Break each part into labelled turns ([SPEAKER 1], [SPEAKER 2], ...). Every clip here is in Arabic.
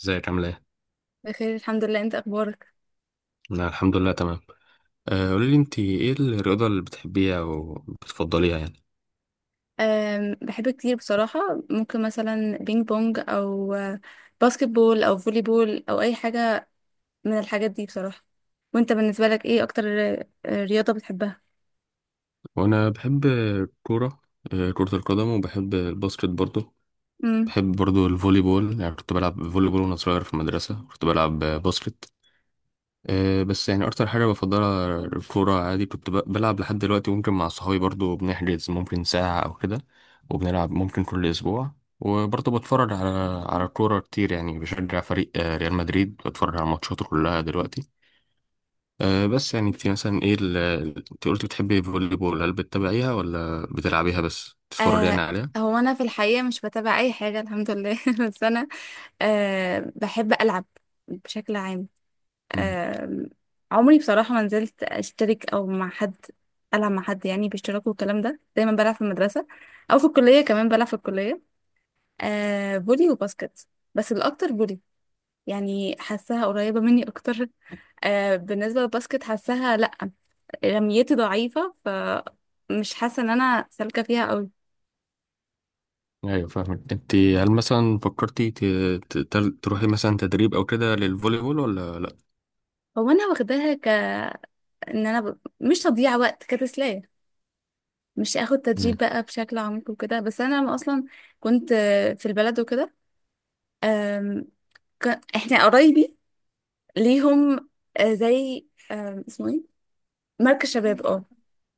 [SPEAKER 1] ازيك عامل ايه؟
[SPEAKER 2] بخير الحمد لله. انت اخبارك؟
[SPEAKER 1] انا الحمد لله تمام. قولي لي، انت ايه الرياضة اللي بتحبيها او بتفضليها يعني؟
[SPEAKER 2] بحب كتير بصراحة. ممكن مثلا بينج بونج او باسكت بول او فولي بول او اي حاجة من الحاجات دي بصراحة. وانت بالنسبة لك ايه اكتر رياضة بتحبها؟
[SPEAKER 1] وانا بحب الكورة، كرة القدم، وبحب الباسكت برضو.
[SPEAKER 2] امم.
[SPEAKER 1] بحب برضو الفولي بول، يعني كنت بلعب فولي بول وانا صغير في المدرسة، كنت بلعب باسكت. بس يعني اكتر حاجه بفضلها الكوره، عادي كنت بلعب لحد دلوقتي، ممكن مع صحابي برضو بنحجز ممكن ساعه او كده، وبنلعب ممكن كل اسبوع. وبرضو بتفرج على الكوره كتير، يعني بشجع فريق ريال مدريد، بتفرج على ماتشاته كلها دلوقتي. بس يعني انت مثلا ايه انت قلت بتحبي الفولي بول، هل بتتابعيها ولا بتلعبيها بس بتتفرجي يعني
[SPEAKER 2] آه،
[SPEAKER 1] عليها؟
[SPEAKER 2] هو انا في الحقيقة مش بتابع اي حاجة الحمد لله بس انا آه بحب العب بشكل عام.
[SPEAKER 1] مم.
[SPEAKER 2] آه، عمري بصراحة ما نزلت اشترك او مع حد العب مع حد يعني باشتراك والكلام ده، دايما بلعب في المدرسة او في الكلية، كمان بلعب في الكلية آه فولي وباسكت، بس الأكتر فولي. يعني حاساها قريبة مني أكتر. آه بالنسبة للباسكت حاساها لأ، رميتي ضعيفة فمش حاسة إن أنا سالكة فيها أوي.
[SPEAKER 1] ايوه فاهمك، انت هل مثلا فكرتي تروحي مثلا تدريب او كده للفولي بول ولا؟
[SPEAKER 2] هو أنا واخداها ك إن أنا ب... مش تضييع وقت كتسلية، مش آخد تدريب
[SPEAKER 1] لا.
[SPEAKER 2] بقى بشكل عميق وكده. بس أنا لما أصلا كنت في البلد وكده، آم، ك... إحنا قرايبي ليهم آه، زي آم، اسمه إيه، مركز شباب. اه،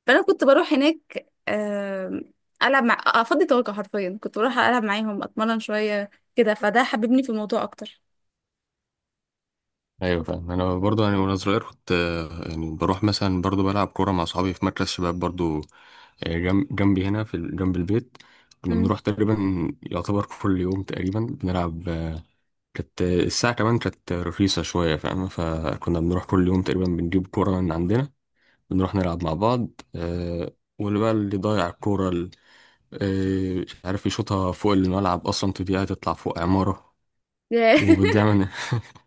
[SPEAKER 2] فانا كنت بروح هناك العب مع افضي طاقه. حرفيا كنت بروح العب معاهم اتمرن شويه كده، فده حببني في الموضوع اكتر.
[SPEAKER 1] ايوه فاهم، انا برضو يعني وانا صغير كنت يعني بروح مثلا برضو بلعب كوره مع اصحابي في مركز شباب برضو. جنب جنبي هنا في جنب البيت، كنا
[SPEAKER 2] مم.
[SPEAKER 1] بنروح تقريبا يعتبر كل يوم تقريبا بنلعب. آه، كانت آه، الساعه كمان كانت رخيصه شويه فاهم، فكنا بنروح كل يوم تقريبا، بنجيب كوره من عندنا بنروح نلعب مع بعض. آه، واللي بقى ضايع الكوره مش عارف يشوطها فوق الملعب، اصلا تضيع تطلع فوق عماره
[SPEAKER 2] ياه،
[SPEAKER 1] وبتضيع مننا.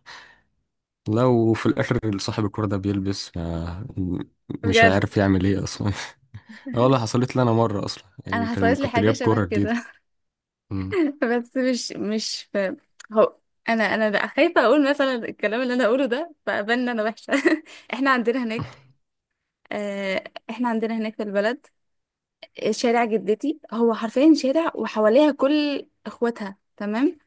[SPEAKER 1] لو في الاخر صاحب الكرة ده بيلبس ما مش
[SPEAKER 2] بجد
[SPEAKER 1] عارف يعمل ايه اصلا. اه والله حصلت لي انا مرة اصلا، يعني
[SPEAKER 2] حصلت لي
[SPEAKER 1] كنت
[SPEAKER 2] حاجه
[SPEAKER 1] جايب
[SPEAKER 2] شبه
[SPEAKER 1] كرة جديدة.
[SPEAKER 2] كده.
[SPEAKER 1] أمم.
[SPEAKER 2] بس مش في، هو انا بقى خايفه اقول مثلا الكلام اللي انا اقوله ده فابان إن انا وحشه. احنا عندنا هناك آه، احنا عندنا هناك في البلد شارع جدتي، هو حرفيا شارع وحواليها كل اخواتها، تمام؟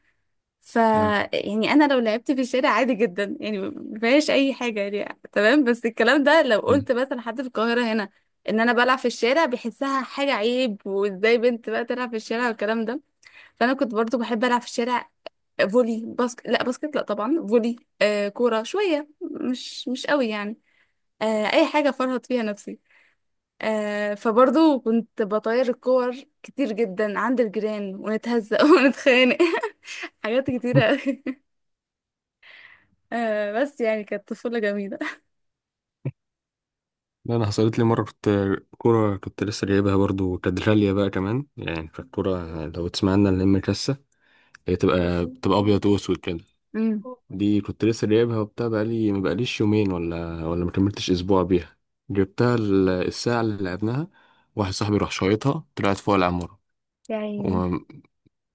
[SPEAKER 2] ف
[SPEAKER 1] اه.
[SPEAKER 2] يعني انا لو لعبت في الشارع عادي جدا يعني مفيهاش اي حاجه، يعني تمام. بس الكلام ده لو
[SPEAKER 1] أمم.
[SPEAKER 2] قلت مثلا حد في القاهره هنا ان انا بلعب في الشارع، بيحسها حاجه عيب. وازاي بنت بقى تلعب في الشارع والكلام ده. فانا كنت برضو بحب العب في الشارع فولي. باسكت لا، باسكت لا طبعا، فولي. آه كوره شويه مش قوي يعني، آه اي حاجه فرهط فيها نفسي. آه فبرضو كنت بطير الكور كتير جدا عند الجيران ونتهزق ونتخانق. حاجات كتيره أوي. آه بس يعني كانت طفولة جميلة.
[SPEAKER 1] لا، انا حصلت لي مرة، كنت لسه جايبها برضو، كانت غالية بقى كمان، يعني كانت كرة لو تسمع عنها، اللي هي مكسة، هي بتبقى ابيض واسود كده.
[SPEAKER 2] امم.
[SPEAKER 1] دي كنت لسه جايبها وبتاع، بقالي، ما بقاليش يومين ولا ما كملتش اسبوع بيها. جبتها الساعة اللي لعبناها، واحد صاحبي راح شايطها طلعت فوق العمارة.
[SPEAKER 2] يا عيني.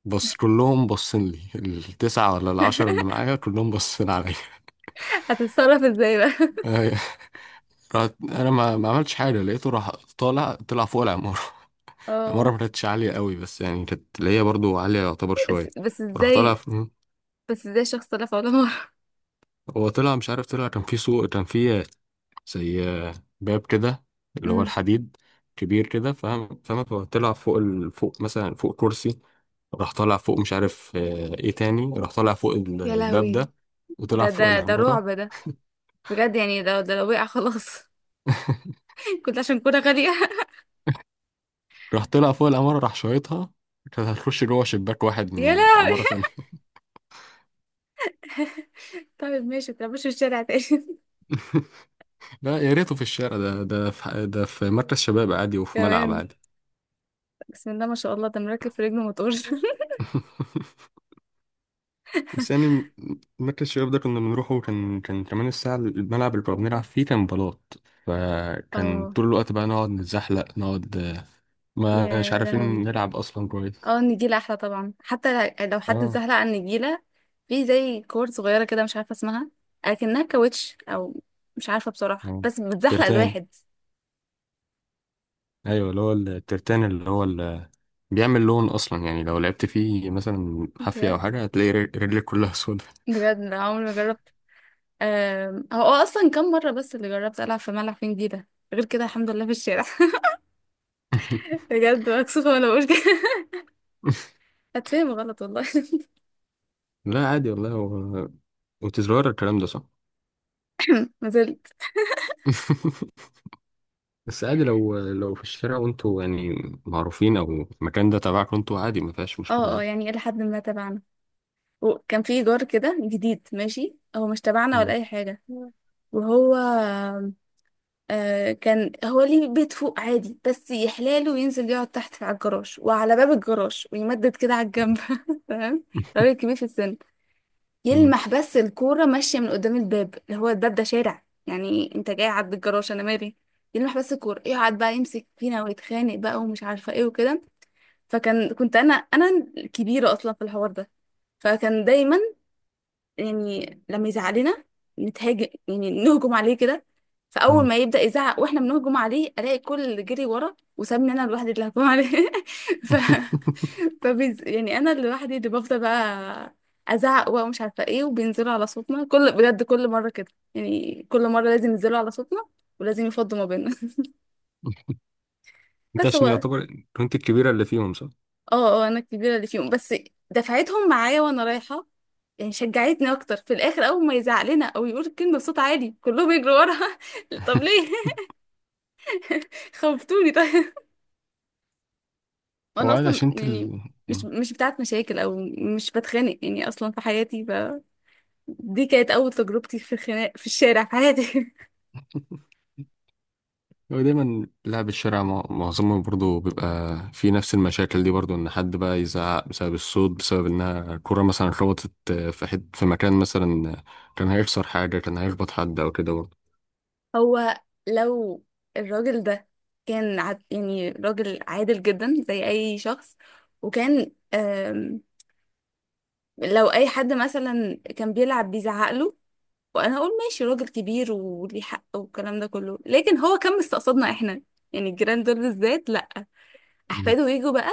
[SPEAKER 1] بص كلهم باصين لي، التسعة ولا العشرة اللي معايا كلهم باصين عليا.
[SPEAKER 2] هتتصرف ازاي بقى؟
[SPEAKER 1] آه، رحت انا ما عملتش حاجة، لقيته راح طالع طلع فوق العمارة. العمارة
[SPEAKER 2] اه.
[SPEAKER 1] ما كانتش عالية قوي، بس يعني كانت اللي هي برضو عالية يعتبر
[SPEAKER 2] بس,
[SPEAKER 1] شوية.
[SPEAKER 2] بس
[SPEAKER 1] راح طالع
[SPEAKER 2] ازاي؟
[SPEAKER 1] ف-
[SPEAKER 2] بس ازاي شخص لا فولا مرة؟
[SPEAKER 1] هو طلع مش عارف، طلع كان في سوق، كان في زي باب كده اللي هو
[SPEAKER 2] امم.
[SPEAKER 1] الحديد، كبير كده فاهم، هو طلع فوق فوق مثلا فوق كرسي، راح طالع فوق، مش عارف ايه تاني، راح طالع فوق
[SPEAKER 2] يا
[SPEAKER 1] الباب
[SPEAKER 2] لهوي.
[SPEAKER 1] ده، وطلع
[SPEAKER 2] ده
[SPEAKER 1] فوق
[SPEAKER 2] ده
[SPEAKER 1] العمارة.
[SPEAKER 2] رعب ده، بجد. يعني ده لو وقع خلاص. كنت عشان كنت غالية.
[SPEAKER 1] راح طلع فوق العمارة راح شايطها، كانت هتخش جوه شباك واحد
[SPEAKER 2] يا
[SPEAKER 1] من
[SPEAKER 2] لهوي.
[SPEAKER 1] عمارة تانية.
[SPEAKER 2] طيب ماشي، متلعبوش في الشارع تاني.
[SPEAKER 1] لا، يا ريته في الشارع، ده في مركز شباب عادي وفي ملعب
[SPEAKER 2] كمان
[SPEAKER 1] عادي.
[SPEAKER 2] بسم الله ما شاء الله، ده مركب في رجله موتور.
[SPEAKER 1] بس يعني مركز الشباب ده كنا بنروحه، كان كان كمان الساعة الملعب اللي كنا بنلعب فيه كان بلاط، فكان
[SPEAKER 2] اه.
[SPEAKER 1] طول الوقت بقى نقعد نتزحلق، نقعد آه، ما مش
[SPEAKER 2] يا
[SPEAKER 1] عارفين
[SPEAKER 2] لهوي.
[SPEAKER 1] نلعب أصلا كويس.
[SPEAKER 2] اه النجيلة احلى طبعا، حتى لو حد
[SPEAKER 1] اه.
[SPEAKER 2] زهق عن النجيلة. في زي كور صغيرة كده مش عارفة اسمها، اكنها كاوتش او مش عارفة بصراحة،
[SPEAKER 1] آه.
[SPEAKER 2] بس بتزحلق
[SPEAKER 1] ترتان،
[SPEAKER 2] الواحد.
[SPEAKER 1] أيوة اللي هو الترتان، اللي هو بيعمل لون اصلا، يعني لو لعبت فيه مثلا حافية او
[SPEAKER 2] بجد؟
[SPEAKER 1] حاجة، هتلاقي رجلك كلها سودة.
[SPEAKER 2] بجد لا عمري ما جربت. هو اصلا كم مرة بس اللي جربت العب في ملعب في نجيلة، غير كده الحمد لله في الشارع. بجد مكسوفة وانا بقول كده. هتفهم غلط والله.
[SPEAKER 1] لا عادي والله، هو وتزرار، الكلام ده صح.
[SPEAKER 2] ما زلت.
[SPEAKER 1] بس عادي، لو في الشارع وانتوا يعني معروفين او المكان ده تبعك وانتوا عادي، ما فيهاش مشكلة،
[SPEAKER 2] اه اه،
[SPEAKER 1] عادي.
[SPEAKER 2] يعني الى حد ما تبعنا، وكان في جار كده جديد ماشي، هو مش تبعنا ولا
[SPEAKER 1] مم.
[SPEAKER 2] اي حاجة. وهو آه كان هو ليه بيت فوق عادي بس يحلاله وينزل يقعد تحت في على الجراج، وعلى باب الجراج ويمدد كده على الجنب تمام؟ راجل كبير في السن.
[SPEAKER 1] مم.
[SPEAKER 2] يلمح بس الكورة ماشية من قدام الباب، اللي هو الباب ده شارع يعني، انت جاي عند الجراج انا مالي؟ يلمح بس الكورة يقعد بقى يمسك فينا ويتخانق بقى ومش عارفة ايه وكده. فكان كنت انا الكبيرة اصلا في الحوار ده، فكان دايما يعني لما يزعلنا نتهاجم، يعني نهجم عليه كده. فاول
[SPEAKER 1] مم.
[SPEAKER 2] ما يبدا يزعق واحنا بنهجم عليه، الاقي كل اللي جري ورا وسابني انا لوحدي اللي هجوم عليه. ف فبيز... يعني انا لوحدي اللي بفضل بقى ازعق بقى ومش عارفه ايه. وبينزلوا على صوتنا، كل بجد كل مره كده يعني، كل مره لازم ينزلوا على صوتنا ولازم يفضوا ما بيننا.
[SPEAKER 1] انت
[SPEAKER 2] بس هو
[SPEAKER 1] عشان
[SPEAKER 2] اه.
[SPEAKER 1] يعتبر كنت الكبيرة اللي فيهم، صح؟
[SPEAKER 2] اه انا الكبيره اللي فيهم، بس دفعتهم معايا وانا رايحه يعني. شجعتني اكتر في الاخر، اول ما يزعق لنا او يقول الكلمه بصوت عالي كلهم يجروا وراها. طب ليه؟ خوفتوني طيب.
[SPEAKER 1] هو
[SPEAKER 2] وانا
[SPEAKER 1] عادي
[SPEAKER 2] اصلا
[SPEAKER 1] عشان انت
[SPEAKER 2] يعني
[SPEAKER 1] ال...
[SPEAKER 2] مش بتاعت مشاكل او مش بتخانق يعني اصلا في حياتي. ف دي كانت اول تجربتي في الخناق في الشارع في حياتي.
[SPEAKER 1] هو دايما لعب الشارع معظمهم برضو بيبقى في نفس المشاكل دي برضو، ان حد بقى يزعق بسبب الصوت، بسبب انها كرة مثلا خبطت في حد في مكان، مثلا كان هيكسر حاجة، كان هيخبط حد او كده برضو.
[SPEAKER 2] هو لو الراجل ده كان عد يعني راجل عادل جدا زي اي شخص، وكان لو اي حد مثلا كان بيلعب بيزعق له، وانا اقول ماشي راجل كبير وليه حق والكلام ده كله. لكن هو كان مستقصدنا احنا يعني، الجيران دول بالذات، لا.
[SPEAKER 1] مم.
[SPEAKER 2] احفاده يجوا بقى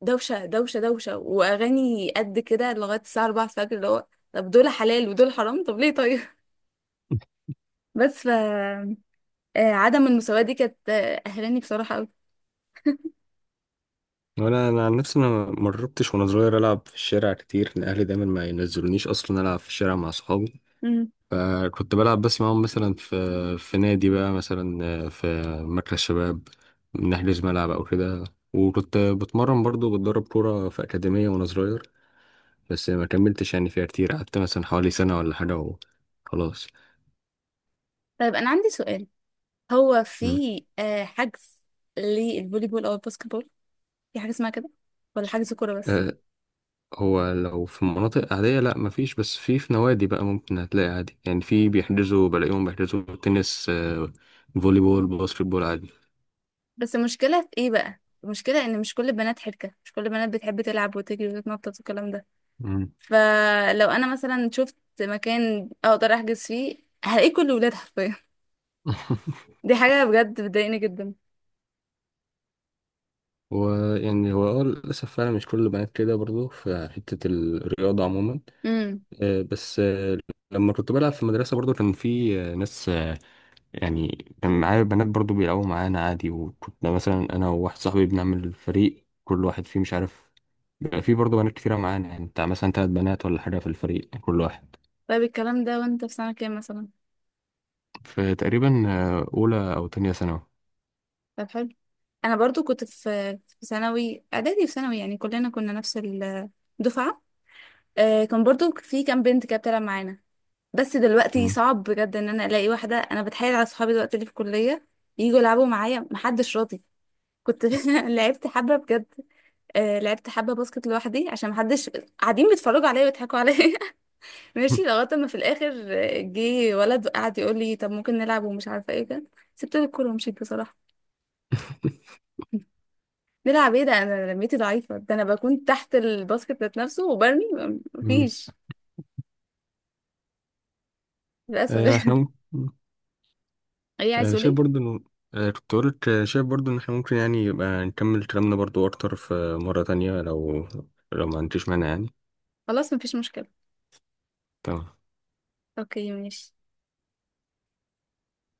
[SPEAKER 2] دوشه دوشه دوشه واغاني قد كده لغايه الساعه 4 الفجر، اللي هو طب دول حلال ودول حرام؟ طب ليه طيب؟ بس ف عدم المساواه دي كانت قهراني بصراحه قوي.
[SPEAKER 1] وانا عن نفسي انا ما جربتش وانا صغير العب في الشارع كتير، الاهلي دايما ما ينزلونيش اصلا العب في الشارع مع صحابي،
[SPEAKER 2] مم.
[SPEAKER 1] فكنت بلعب بس معاهم مثلا في نادي، بقى مثلا في مركز شباب، نحجز ملعب أو كده. وكنت بتمرن برضو بتدرب كورة في أكاديمية وأنا صغير، بس ما كملتش يعني فيها كتير، قعدت مثلا حوالي سنة ولا حاجة وخلاص.
[SPEAKER 2] طيب انا عندي سؤال، هو في
[SPEAKER 1] مم.
[SPEAKER 2] حجز للفولي بول او الباسكت بول؟ في حاجه اسمها كده ولا حجز كوره بس؟
[SPEAKER 1] أه، هو لو في مناطق عادية لأ مفيش، بس في نوادي بقى ممكن هتلاقي عادي، يعني في بيحجزوا، بلاقيهم بيحجزوا تنس، فولي بول، باسكت بول عادي.
[SPEAKER 2] بس المشكلة في ايه بقى؟ المشكلة ان مش كل البنات حركة، مش كل البنات بتحب تلعب وتجري وتتنطط والكلام ده.
[SPEAKER 1] مم.
[SPEAKER 2] فلو انا مثلا شفت مكان اقدر احجز فيه، هلاقيه كل الولاد حرفيا. دي حاجة بجد بتضايقني جدا.
[SPEAKER 1] ويعني هو اه للأسف فعلا مش كل البنات كده برضو في حتة الرياضة عموما.
[SPEAKER 2] امم.
[SPEAKER 1] آه، بس آه، لما كنت بلعب في المدرسة برضو كان في ناس، يعني كان معايا بنات برضو بيلعبوا معانا عادي، وكنا مثلا أنا وواحد صاحبي بنعمل فريق كل واحد فيه مش عارف، بيبقى في برضو بنات كتيرة معانا، يعني بتاع مثلا 3 بنات ولا حاجة في الفريق كل واحد.
[SPEAKER 2] طيب الكلام ده وانت في سنة كام مثلا؟
[SPEAKER 1] فتقريبا أولى أو تانية ثانوي.
[SPEAKER 2] طب حلو، انا برضو كنت في ثانوي، اعدادي وثانوي، يعني كلنا كنا نفس الدفعة. آه كان برضو في كام بنت كده بتلعب معانا، بس دلوقتي
[SPEAKER 1] مم.
[SPEAKER 2] صعب بجد ان انا الاقي واحده. انا بتحايل على صحابي دلوقتي اللي في الكليه يجوا يلعبوا معايا، محدش راضي. كنت لعبت حبه بجد. آه لعبت حبه باسكت لوحدي عشان محدش، قاعدين بيتفرجوا عليا ويضحكوا عليا. ماشي لغايه ما في الاخر جه ولد قعد يقول لي طب ممكن نلعب ومش عارفه ايه كده، سبت له الكوره ومشيت بصراحه. نلعب ايه ده؟ انا لميتي ضعيفه، ده انا بكون تحت الباسكت ذات نفسه وبرمي
[SPEAKER 1] مم.
[SPEAKER 2] مفيش، للاسف.
[SPEAKER 1] آه، احنا مم.
[SPEAKER 2] ايه
[SPEAKER 1] آه،
[SPEAKER 2] عايز
[SPEAKER 1] أنا شايف
[SPEAKER 2] تقولي؟
[SPEAKER 1] برضو إنه، آه، كنت قلت آه، شايف برضو إن إحنا ممكن يعني يبقى نكمل كلامنا برضو أكتر في مرة تانية، لو ما عنديش مانع يعني.
[SPEAKER 2] خلاص مفيش مشكله.
[SPEAKER 1] تمام.
[SPEAKER 2] اوكي ماشي.